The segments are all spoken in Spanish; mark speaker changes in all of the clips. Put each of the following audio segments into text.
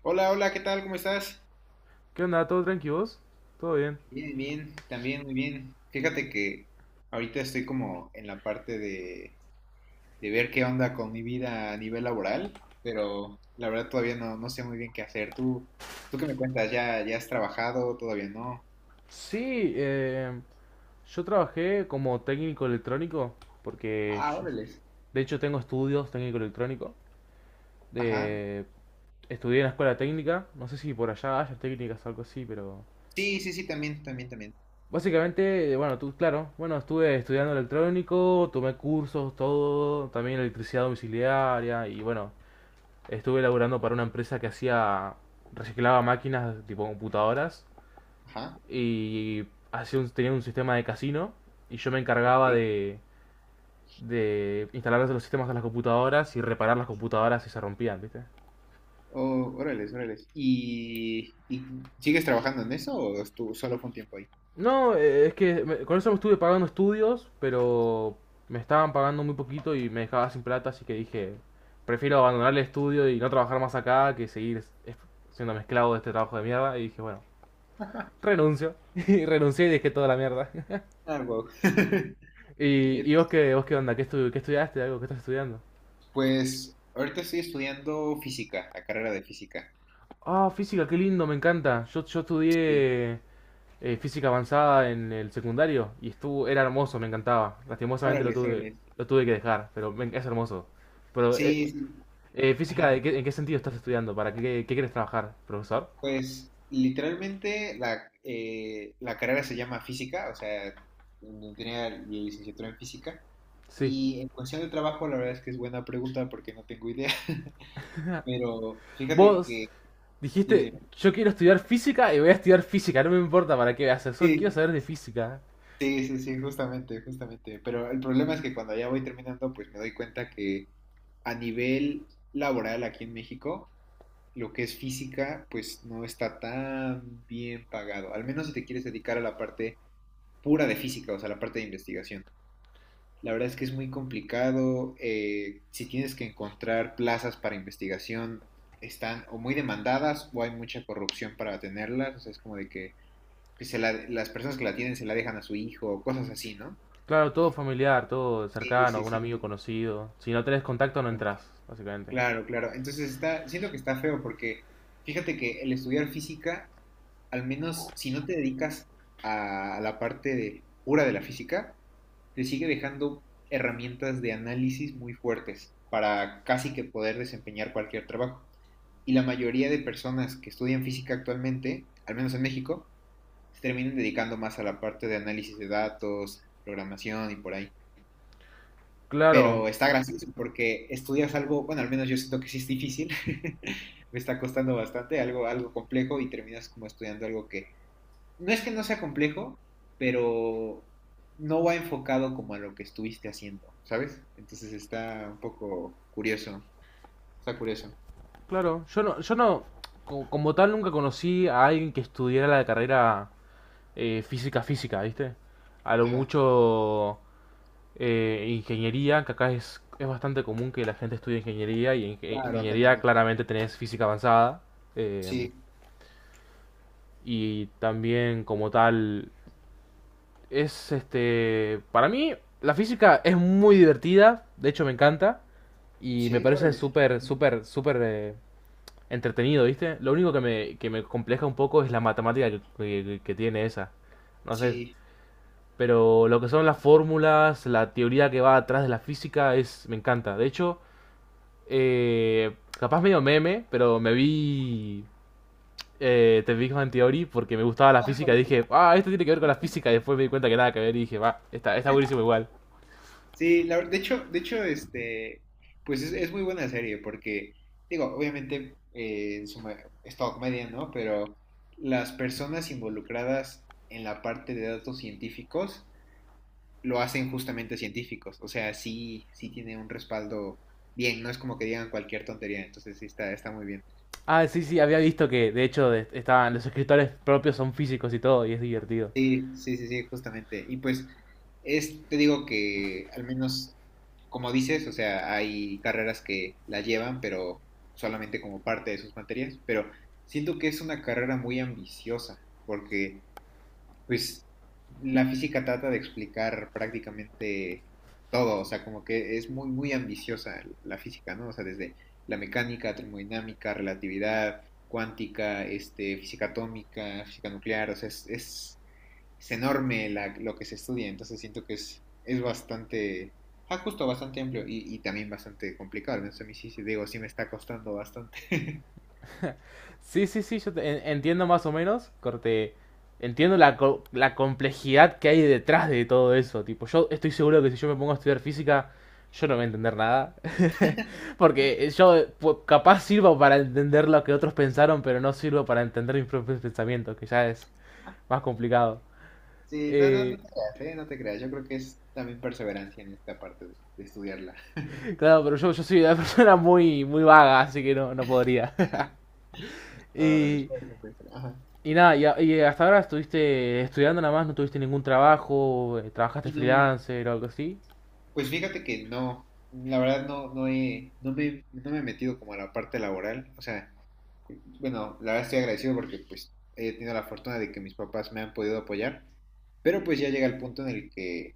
Speaker 1: Hola, hola, ¿qué tal? ¿Cómo estás?
Speaker 2: ¿Qué onda? ¿Todo tranquilos? ¿Todo bien?
Speaker 1: Bien, bien, también muy bien. Fíjate que ahorita estoy como en la parte de ver qué onda con mi vida a nivel laboral, pero la verdad todavía no, no sé muy bien qué hacer. ¿Tú qué me cuentas? ¿Ya, ya has trabajado? ¿Todavía no?
Speaker 2: Sí, yo trabajé como técnico electrónico porque
Speaker 1: Ah, órales.
Speaker 2: de hecho tengo estudios técnico electrónico.
Speaker 1: Ajá.
Speaker 2: Eh, Estudié en la escuela técnica, no sé si por allá haya técnicas o algo así, pero
Speaker 1: Sí, sí, sí, también, también, también.
Speaker 2: básicamente, bueno, tú, claro, bueno, estuve estudiando electrónico, tomé cursos, todo, también electricidad domiciliaria y bueno, estuve laburando para una empresa que hacía, reciclaba máquinas tipo computadoras
Speaker 1: Ajá.
Speaker 2: y tenía un sistema de casino y yo me
Speaker 1: Ok.
Speaker 2: encargaba de instalar los sistemas a las computadoras y reparar las computadoras si se rompían, ¿viste?
Speaker 1: Oh, órales, órales. Y sigues trabajando en eso o tú solo fue un tiempo ahí?
Speaker 2: No, es que con eso me estuve pagando estudios, pero me estaban pagando muy poquito y me dejaba sin plata, así que dije, prefiero abandonar el estudio y no trabajar más acá que seguir siendo mezclado de este trabajo de mierda. Y dije, bueno, renuncio. Y renuncié y dejé toda la mierda.
Speaker 1: Ah, wow.
Speaker 2: ¿Y, y vos qué onda? ¿Qué, qué estudiaste? ¿Algo? ¿Qué estás estudiando?
Speaker 1: Pues ahorita estoy estudiando física, la carrera de física.
Speaker 2: Ah, física, qué lindo, me encanta. Yo
Speaker 1: Sí.
Speaker 2: estudié física avanzada en el secundario y estuvo, era hermoso, me encantaba. Lastimosamente
Speaker 1: Órale, órale.
Speaker 2: lo tuve que dejar, pero es hermoso. Pero,
Speaker 1: Sí, sí.
Speaker 2: física,
Speaker 1: Ajá.
Speaker 2: ¿en qué sentido estás estudiando? ¿Para qué, qué quieres trabajar, profesor?
Speaker 1: Pues literalmente la carrera se llama física, o sea, yo tenía la licenciatura en física.
Speaker 2: Sí.
Speaker 1: Y en cuestión de trabajo, la verdad es que es buena pregunta porque no tengo idea. Pero fíjate
Speaker 2: Vos
Speaker 1: que, dime,
Speaker 2: dijiste, yo quiero estudiar física y voy a estudiar física, no me importa para qué hacer, solo quiero
Speaker 1: dime.
Speaker 2: saber de física.
Speaker 1: Sí, sí, sí, justamente, justamente. Pero el problema es que cuando ya voy terminando, pues me doy cuenta que a nivel laboral aquí en México, lo que es física, pues no está tan bien pagado. Al menos si te quieres dedicar a la parte pura de física, o sea, la parte de investigación. La verdad es que es muy complicado. Si tienes que encontrar plazas para investigación, están o muy demandadas o hay mucha corrupción para tenerlas. O sea, es como de que pues, las personas que la tienen se la dejan a su hijo o cosas así, ¿no?
Speaker 2: Claro, todo familiar, todo
Speaker 1: Sí,
Speaker 2: cercano,
Speaker 1: sí,
Speaker 2: algún amigo
Speaker 1: sí.
Speaker 2: conocido. Si no tenés contacto, no
Speaker 1: No,
Speaker 2: entras, básicamente.
Speaker 1: claro, claro. Entonces está, siento que está feo porque fíjate que el estudiar física, al menos si no te dedicas a pura de la física, te sigue dejando herramientas de análisis muy fuertes para casi que poder desempeñar cualquier trabajo. Y la mayoría de personas que estudian física actualmente, al menos en México, se terminan dedicando más a la parte de análisis de datos, programación y por ahí.
Speaker 2: Claro.
Speaker 1: Pero está gracioso porque estudias algo, bueno, al menos yo siento que sí es difícil, me está costando bastante, algo, algo complejo y terminas como estudiando algo que no es que no sea complejo, pero no va enfocado como a lo que estuviste haciendo, ¿sabes? Entonces está un poco curioso, está curioso.
Speaker 2: Claro, yo no, como tal nunca conocí a alguien que estudiara la carrera física física, ¿viste? A lo
Speaker 1: Ajá,
Speaker 2: mucho ingeniería, que acá es bastante común que la gente estudie ingeniería y en
Speaker 1: claro, acá
Speaker 2: ingeniería
Speaker 1: también.
Speaker 2: claramente tenés física avanzada, eh,
Speaker 1: Sí,
Speaker 2: y también como tal es este, para mí la física es muy divertida, de hecho me encanta y me
Speaker 1: sí,
Speaker 2: parece
Speaker 1: órale.
Speaker 2: súper, súper, súper entretenido, ¿viste? Lo único que me compleja un poco es la matemática que tiene esa. No sé,
Speaker 1: Sí.
Speaker 2: pero lo que son las fórmulas, la teoría que va atrás de la física, es me encanta. De hecho, capaz medio meme, pero me vi The Big Bang Theory porque me gustaba la
Speaker 1: Ah,
Speaker 2: física. Y
Speaker 1: órale.
Speaker 2: dije, ah, esto tiene que ver con la física. Y después me di cuenta que nada que ver y dije, va, está buenísimo igual.
Speaker 1: Sí, de hecho, este, pues es muy buena serie porque, digo, obviamente en es todo comedia, ¿no? Pero las personas involucradas en la parte de datos científicos lo hacen justamente científicos, o sea, sí, sí tiene un respaldo bien, no es como que digan cualquier tontería, entonces sí está, está muy bien.
Speaker 2: Ah, sí, sí, había visto que de hecho estaban los escritores propios son físicos y todo, y es divertido.
Speaker 1: Sí, sí, sí, sí, justamente. Y pues es, te digo que al menos, como dices, o sea, hay carreras que la llevan, pero solamente como parte de sus materias, pero siento que es una carrera muy ambiciosa, porque pues la física trata de explicar prácticamente todo, o sea, como que es muy, muy ambiciosa la física, ¿no? O sea, desde la mecánica, termodinámica, relatividad, cuántica, este, física atómica, física nuclear, o sea, es enorme la, lo que se estudia, entonces siento que es bastante, ah, justo bastante amplio y también bastante complicado, ¿no? Entonces a mí sí, sí, digo, sí me está costando bastante.
Speaker 2: Sí, sí, sí, entiendo más o menos, corte, entiendo la complejidad que hay detrás de todo eso, tipo, yo estoy seguro que si yo me pongo a estudiar física, yo no voy a entender nada, porque yo capaz sirvo para entender lo que otros pensaron, pero no sirvo para entender mis propios pensamientos, que ya es más complicado.
Speaker 1: Sí, no, no, no
Speaker 2: Eh,
Speaker 1: te creas, ¿eh? No te creas, yo creo que es también perseverancia en esta parte de estudiarla.
Speaker 2: claro, pero yo soy una persona muy, muy vaga, así que no, no podría.
Speaker 1: Ahora,
Speaker 2: Y
Speaker 1: después, después, ajá.
Speaker 2: Y nada, y hasta ahora estuviste estudiando nada más, no tuviste ningún trabajo, trabajaste
Speaker 1: Y no,
Speaker 2: freelancer o algo así.
Speaker 1: pues fíjate que no, la verdad no, no he, no me, no me he metido como a la parte laboral, o sea... Bueno, la verdad estoy agradecido porque pues he tenido la fortuna de que mis papás me han podido apoyar, pero pues ya llega el punto en el que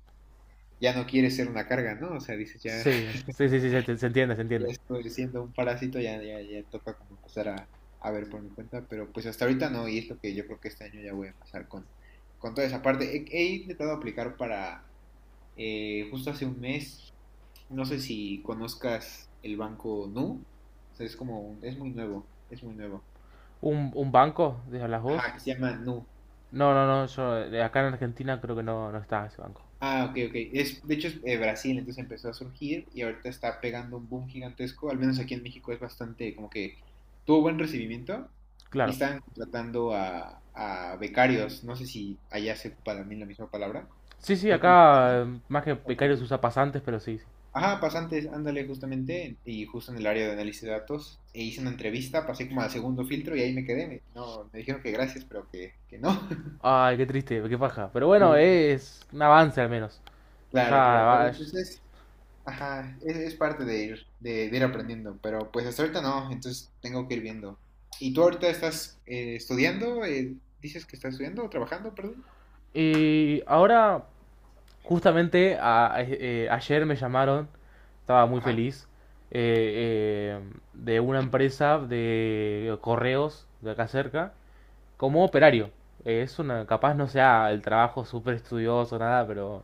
Speaker 1: ya no quieres ser una carga, ¿no? O sea, dices, ya,
Speaker 2: Sí, sí, sí, sí, se entiende, se
Speaker 1: ya
Speaker 2: entiende.
Speaker 1: estoy siendo un parásito, ya, ya, ya toca como empezar a ver por mi cuenta, pero pues hasta ahorita no, y es lo que yo creo que este año ya voy a empezar con toda esa parte. He intentado aplicar para, justo hace un mes, no sé si conozcas el banco Nu, o sea, es como, un- es muy nuevo, es muy nuevo.
Speaker 2: Un banco? ¿De las vos?
Speaker 1: Ajá, que se llama Nu.
Speaker 2: No, no, no, yo acá en Argentina creo que no, no está ese banco.
Speaker 1: Ah, ok, ok. Es, de hecho, es Brasil, entonces empezó a surgir y ahorita está pegando un boom gigantesco. Al menos aquí en México es bastante, como que tuvo buen recibimiento y
Speaker 2: Claro.
Speaker 1: están contratando a becarios. No sé si allá se ocupa también la misma palabra.
Speaker 2: Sí, sí,
Speaker 1: Son como...
Speaker 2: acá más que
Speaker 1: Ok,
Speaker 2: becarios
Speaker 1: ok.
Speaker 2: usa pasantes, pero sí, sí.
Speaker 1: Ajá, pasantes, ándale, justamente. Y justo en el área de análisis de datos, e hice una entrevista, pasé como al segundo filtro y ahí me quedé. Me- no, me dijeron que gracias, pero que no.
Speaker 2: Ay, qué triste, qué paja. Pero
Speaker 1: Sí,
Speaker 2: bueno,
Speaker 1: sí.
Speaker 2: es un avance al menos. Ya,
Speaker 1: Claro, claro, pero
Speaker 2: va-
Speaker 1: entonces ajá, es parte de ir aprendiendo, pero pues hasta ahorita no, entonces tengo que ir viendo. ¿Y tú ahorita estás estudiando? ¿Dices que estás estudiando o trabajando, perdón?
Speaker 2: y ahora justamente ayer me llamaron, estaba muy
Speaker 1: Ajá,
Speaker 2: feliz, eh, eh, de una empresa de correos de acá cerca, como operario.
Speaker 1: ok,
Speaker 2: Es una, capaz no sea el trabajo súper estudioso, nada,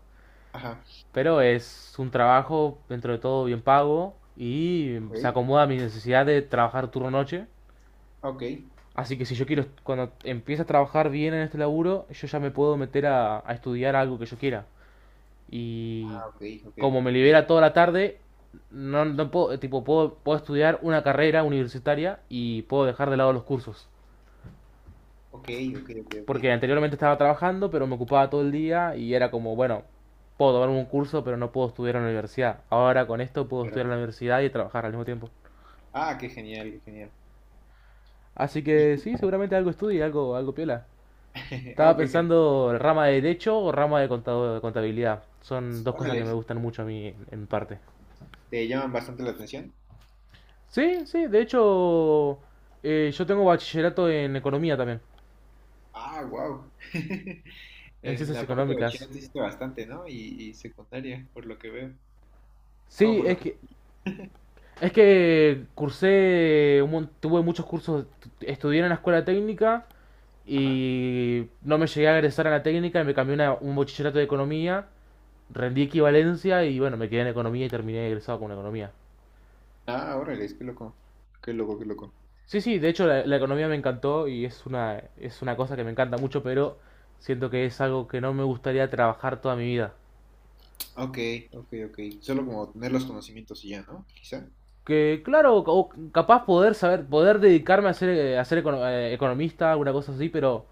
Speaker 1: ajá,
Speaker 2: pero es un trabajo dentro de todo bien pago y
Speaker 1: ok,
Speaker 2: se acomoda a mi necesidad de trabajar turno noche.
Speaker 1: ok,
Speaker 2: Así que si yo quiero, cuando empiece a trabajar bien en este laburo, yo ya me puedo meter a estudiar algo que yo quiera. Y
Speaker 1: ah, ok, ok,
Speaker 2: como me
Speaker 1: ok,
Speaker 2: libera toda la tarde, no, no puedo, tipo, puedo, puedo estudiar una carrera universitaria y puedo dejar de lado los cursos.
Speaker 1: ok, ok, ok, ok,
Speaker 2: Porque anteriormente estaba trabajando, pero me ocupaba todo el día y era como, bueno, puedo tomar un curso, pero no puedo estudiar en la universidad. Ahora con esto puedo estudiar en
Speaker 1: claro.
Speaker 2: la universidad y trabajar al mismo tiempo.
Speaker 1: Ah, qué genial, qué genial.
Speaker 2: Así
Speaker 1: Y-
Speaker 2: que sí, seguramente algo estudie, algo, algo piola.
Speaker 1: ah,
Speaker 2: Estaba
Speaker 1: qué genial.
Speaker 2: pensando rama de derecho o rama de de contabilidad. Son dos cosas que
Speaker 1: Órales,
Speaker 2: me gustan mucho a mí en parte.
Speaker 1: ¿te llaman bastante la atención?
Speaker 2: Sí, sí, de hecho, yo tengo bachillerato en economía también,
Speaker 1: Ah, wow.
Speaker 2: en
Speaker 1: En
Speaker 2: ciencias
Speaker 1: la parte de
Speaker 2: económicas.
Speaker 1: bachillerato hiciste bastante, ¿no? Y secundaria, por lo que veo. No,
Speaker 2: Sí,
Speaker 1: por lo que...
Speaker 2: es que cursé, tuve muchos cursos, estudié en la escuela técnica
Speaker 1: Ajá.
Speaker 2: y no me llegué a egresar a la técnica y me cambié a un bachillerato de economía, rendí equivalencia y bueno, me quedé en economía y terminé egresado con economía.
Speaker 1: Ah, órale, es que loco. Qué loco, qué loco.
Speaker 2: Sí, sí, de hecho la economía me encantó y es es una cosa que me encanta mucho, pero siento que es algo que no me gustaría trabajar toda mi vida.
Speaker 1: Ok, ok, ok. Solo como tener los conocimientos y ya, ¿no? Quizá.
Speaker 2: Que claro, o capaz poder saber, poder dedicarme a ser economista, alguna cosa así, pero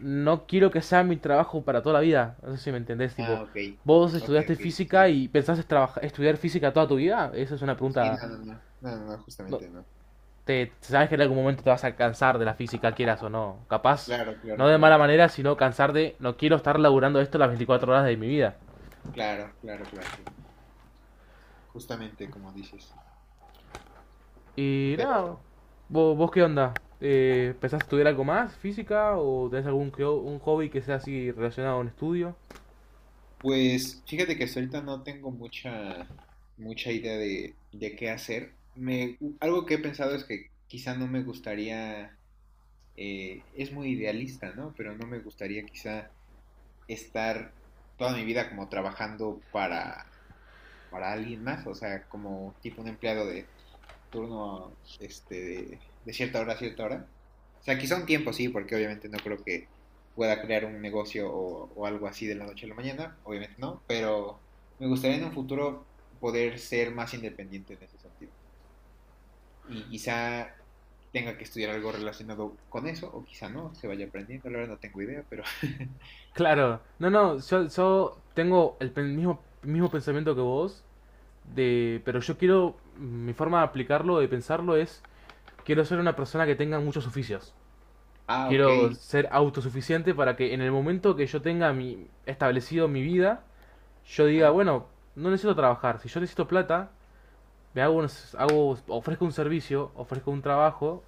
Speaker 2: no quiero que sea mi trabajo para toda la vida. No sé si me entendés,
Speaker 1: Ah,
Speaker 2: tipo,
Speaker 1: ok.
Speaker 2: vos
Speaker 1: Ok,
Speaker 2: estudiaste
Speaker 1: ok,
Speaker 2: física
Speaker 1: sí.
Speaker 2: y pensás trabajar, estudiar física toda tu vida. Esa es una
Speaker 1: Sí,
Speaker 2: pregunta...
Speaker 1: no, no, no. No, no, no,
Speaker 2: No,
Speaker 1: justamente no.
Speaker 2: te, sabes que en algún momento te vas a cansar de la física, quieras o no. Capaz,
Speaker 1: Claro, claro,
Speaker 2: no de
Speaker 1: claro.
Speaker 2: mala manera, sino cansar de, no quiero estar laburando esto las 24 horas de mi vida.
Speaker 1: Claro, claro, claro, claro. Justamente como dices.
Speaker 2: Y nada,
Speaker 1: Pero,
Speaker 2: ¿vos, vos qué onda? ¿Pensás estudiar algo más, física, o tenés algún un hobby que sea así relacionado a un estudio?
Speaker 1: pues, fíjate que hasta ahorita no tengo mucha, mucha idea de qué hacer. Me, u- algo que he pensado es que quizá no me gustaría, es muy idealista, ¿no? Pero no me gustaría quizá estar toda mi vida como trabajando para alguien más, o sea, como tipo un empleado de turno este, de cierta hora a cierta hora. O sea, quizá un tiempo sí, porque obviamente no creo que pueda crear un negocio o algo así de la noche a la mañana, obviamente no, pero me gustaría en un futuro poder ser más independiente en ese sentido. Y quizá tenga que estudiar algo relacionado con eso, o quizá no, se vaya aprendiendo, la verdad no tengo idea, pero...
Speaker 2: Claro, no, no, yo tengo el mismo, mismo pensamiento que vos, de, pero yo quiero, mi forma de aplicarlo, de pensarlo es, quiero ser una persona que tenga muchos oficios.
Speaker 1: ah, ok,
Speaker 2: Quiero ser autosuficiente para que en el momento que yo tenga mi, establecido mi vida, yo diga,
Speaker 1: ajá.
Speaker 2: bueno, no necesito trabajar, si yo necesito plata, le hago, ofrezco un servicio, ofrezco un trabajo,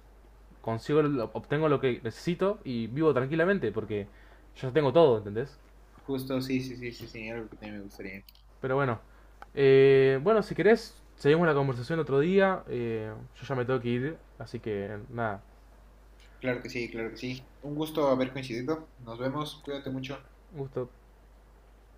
Speaker 2: consigo, obtengo lo que necesito y vivo tranquilamente porque yo ya tengo todo, ¿entendés?
Speaker 1: Justo, sí, sí, sí, sí, sí, algo que también me gustaría.
Speaker 2: Pero bueno, bueno, si querés, seguimos la conversación otro día. Eh, yo ya me tengo que ir, así que nada,
Speaker 1: Claro que sí, claro que sí. Un gusto haber coincidido. Nos vemos, cuídate mucho.
Speaker 2: gusto.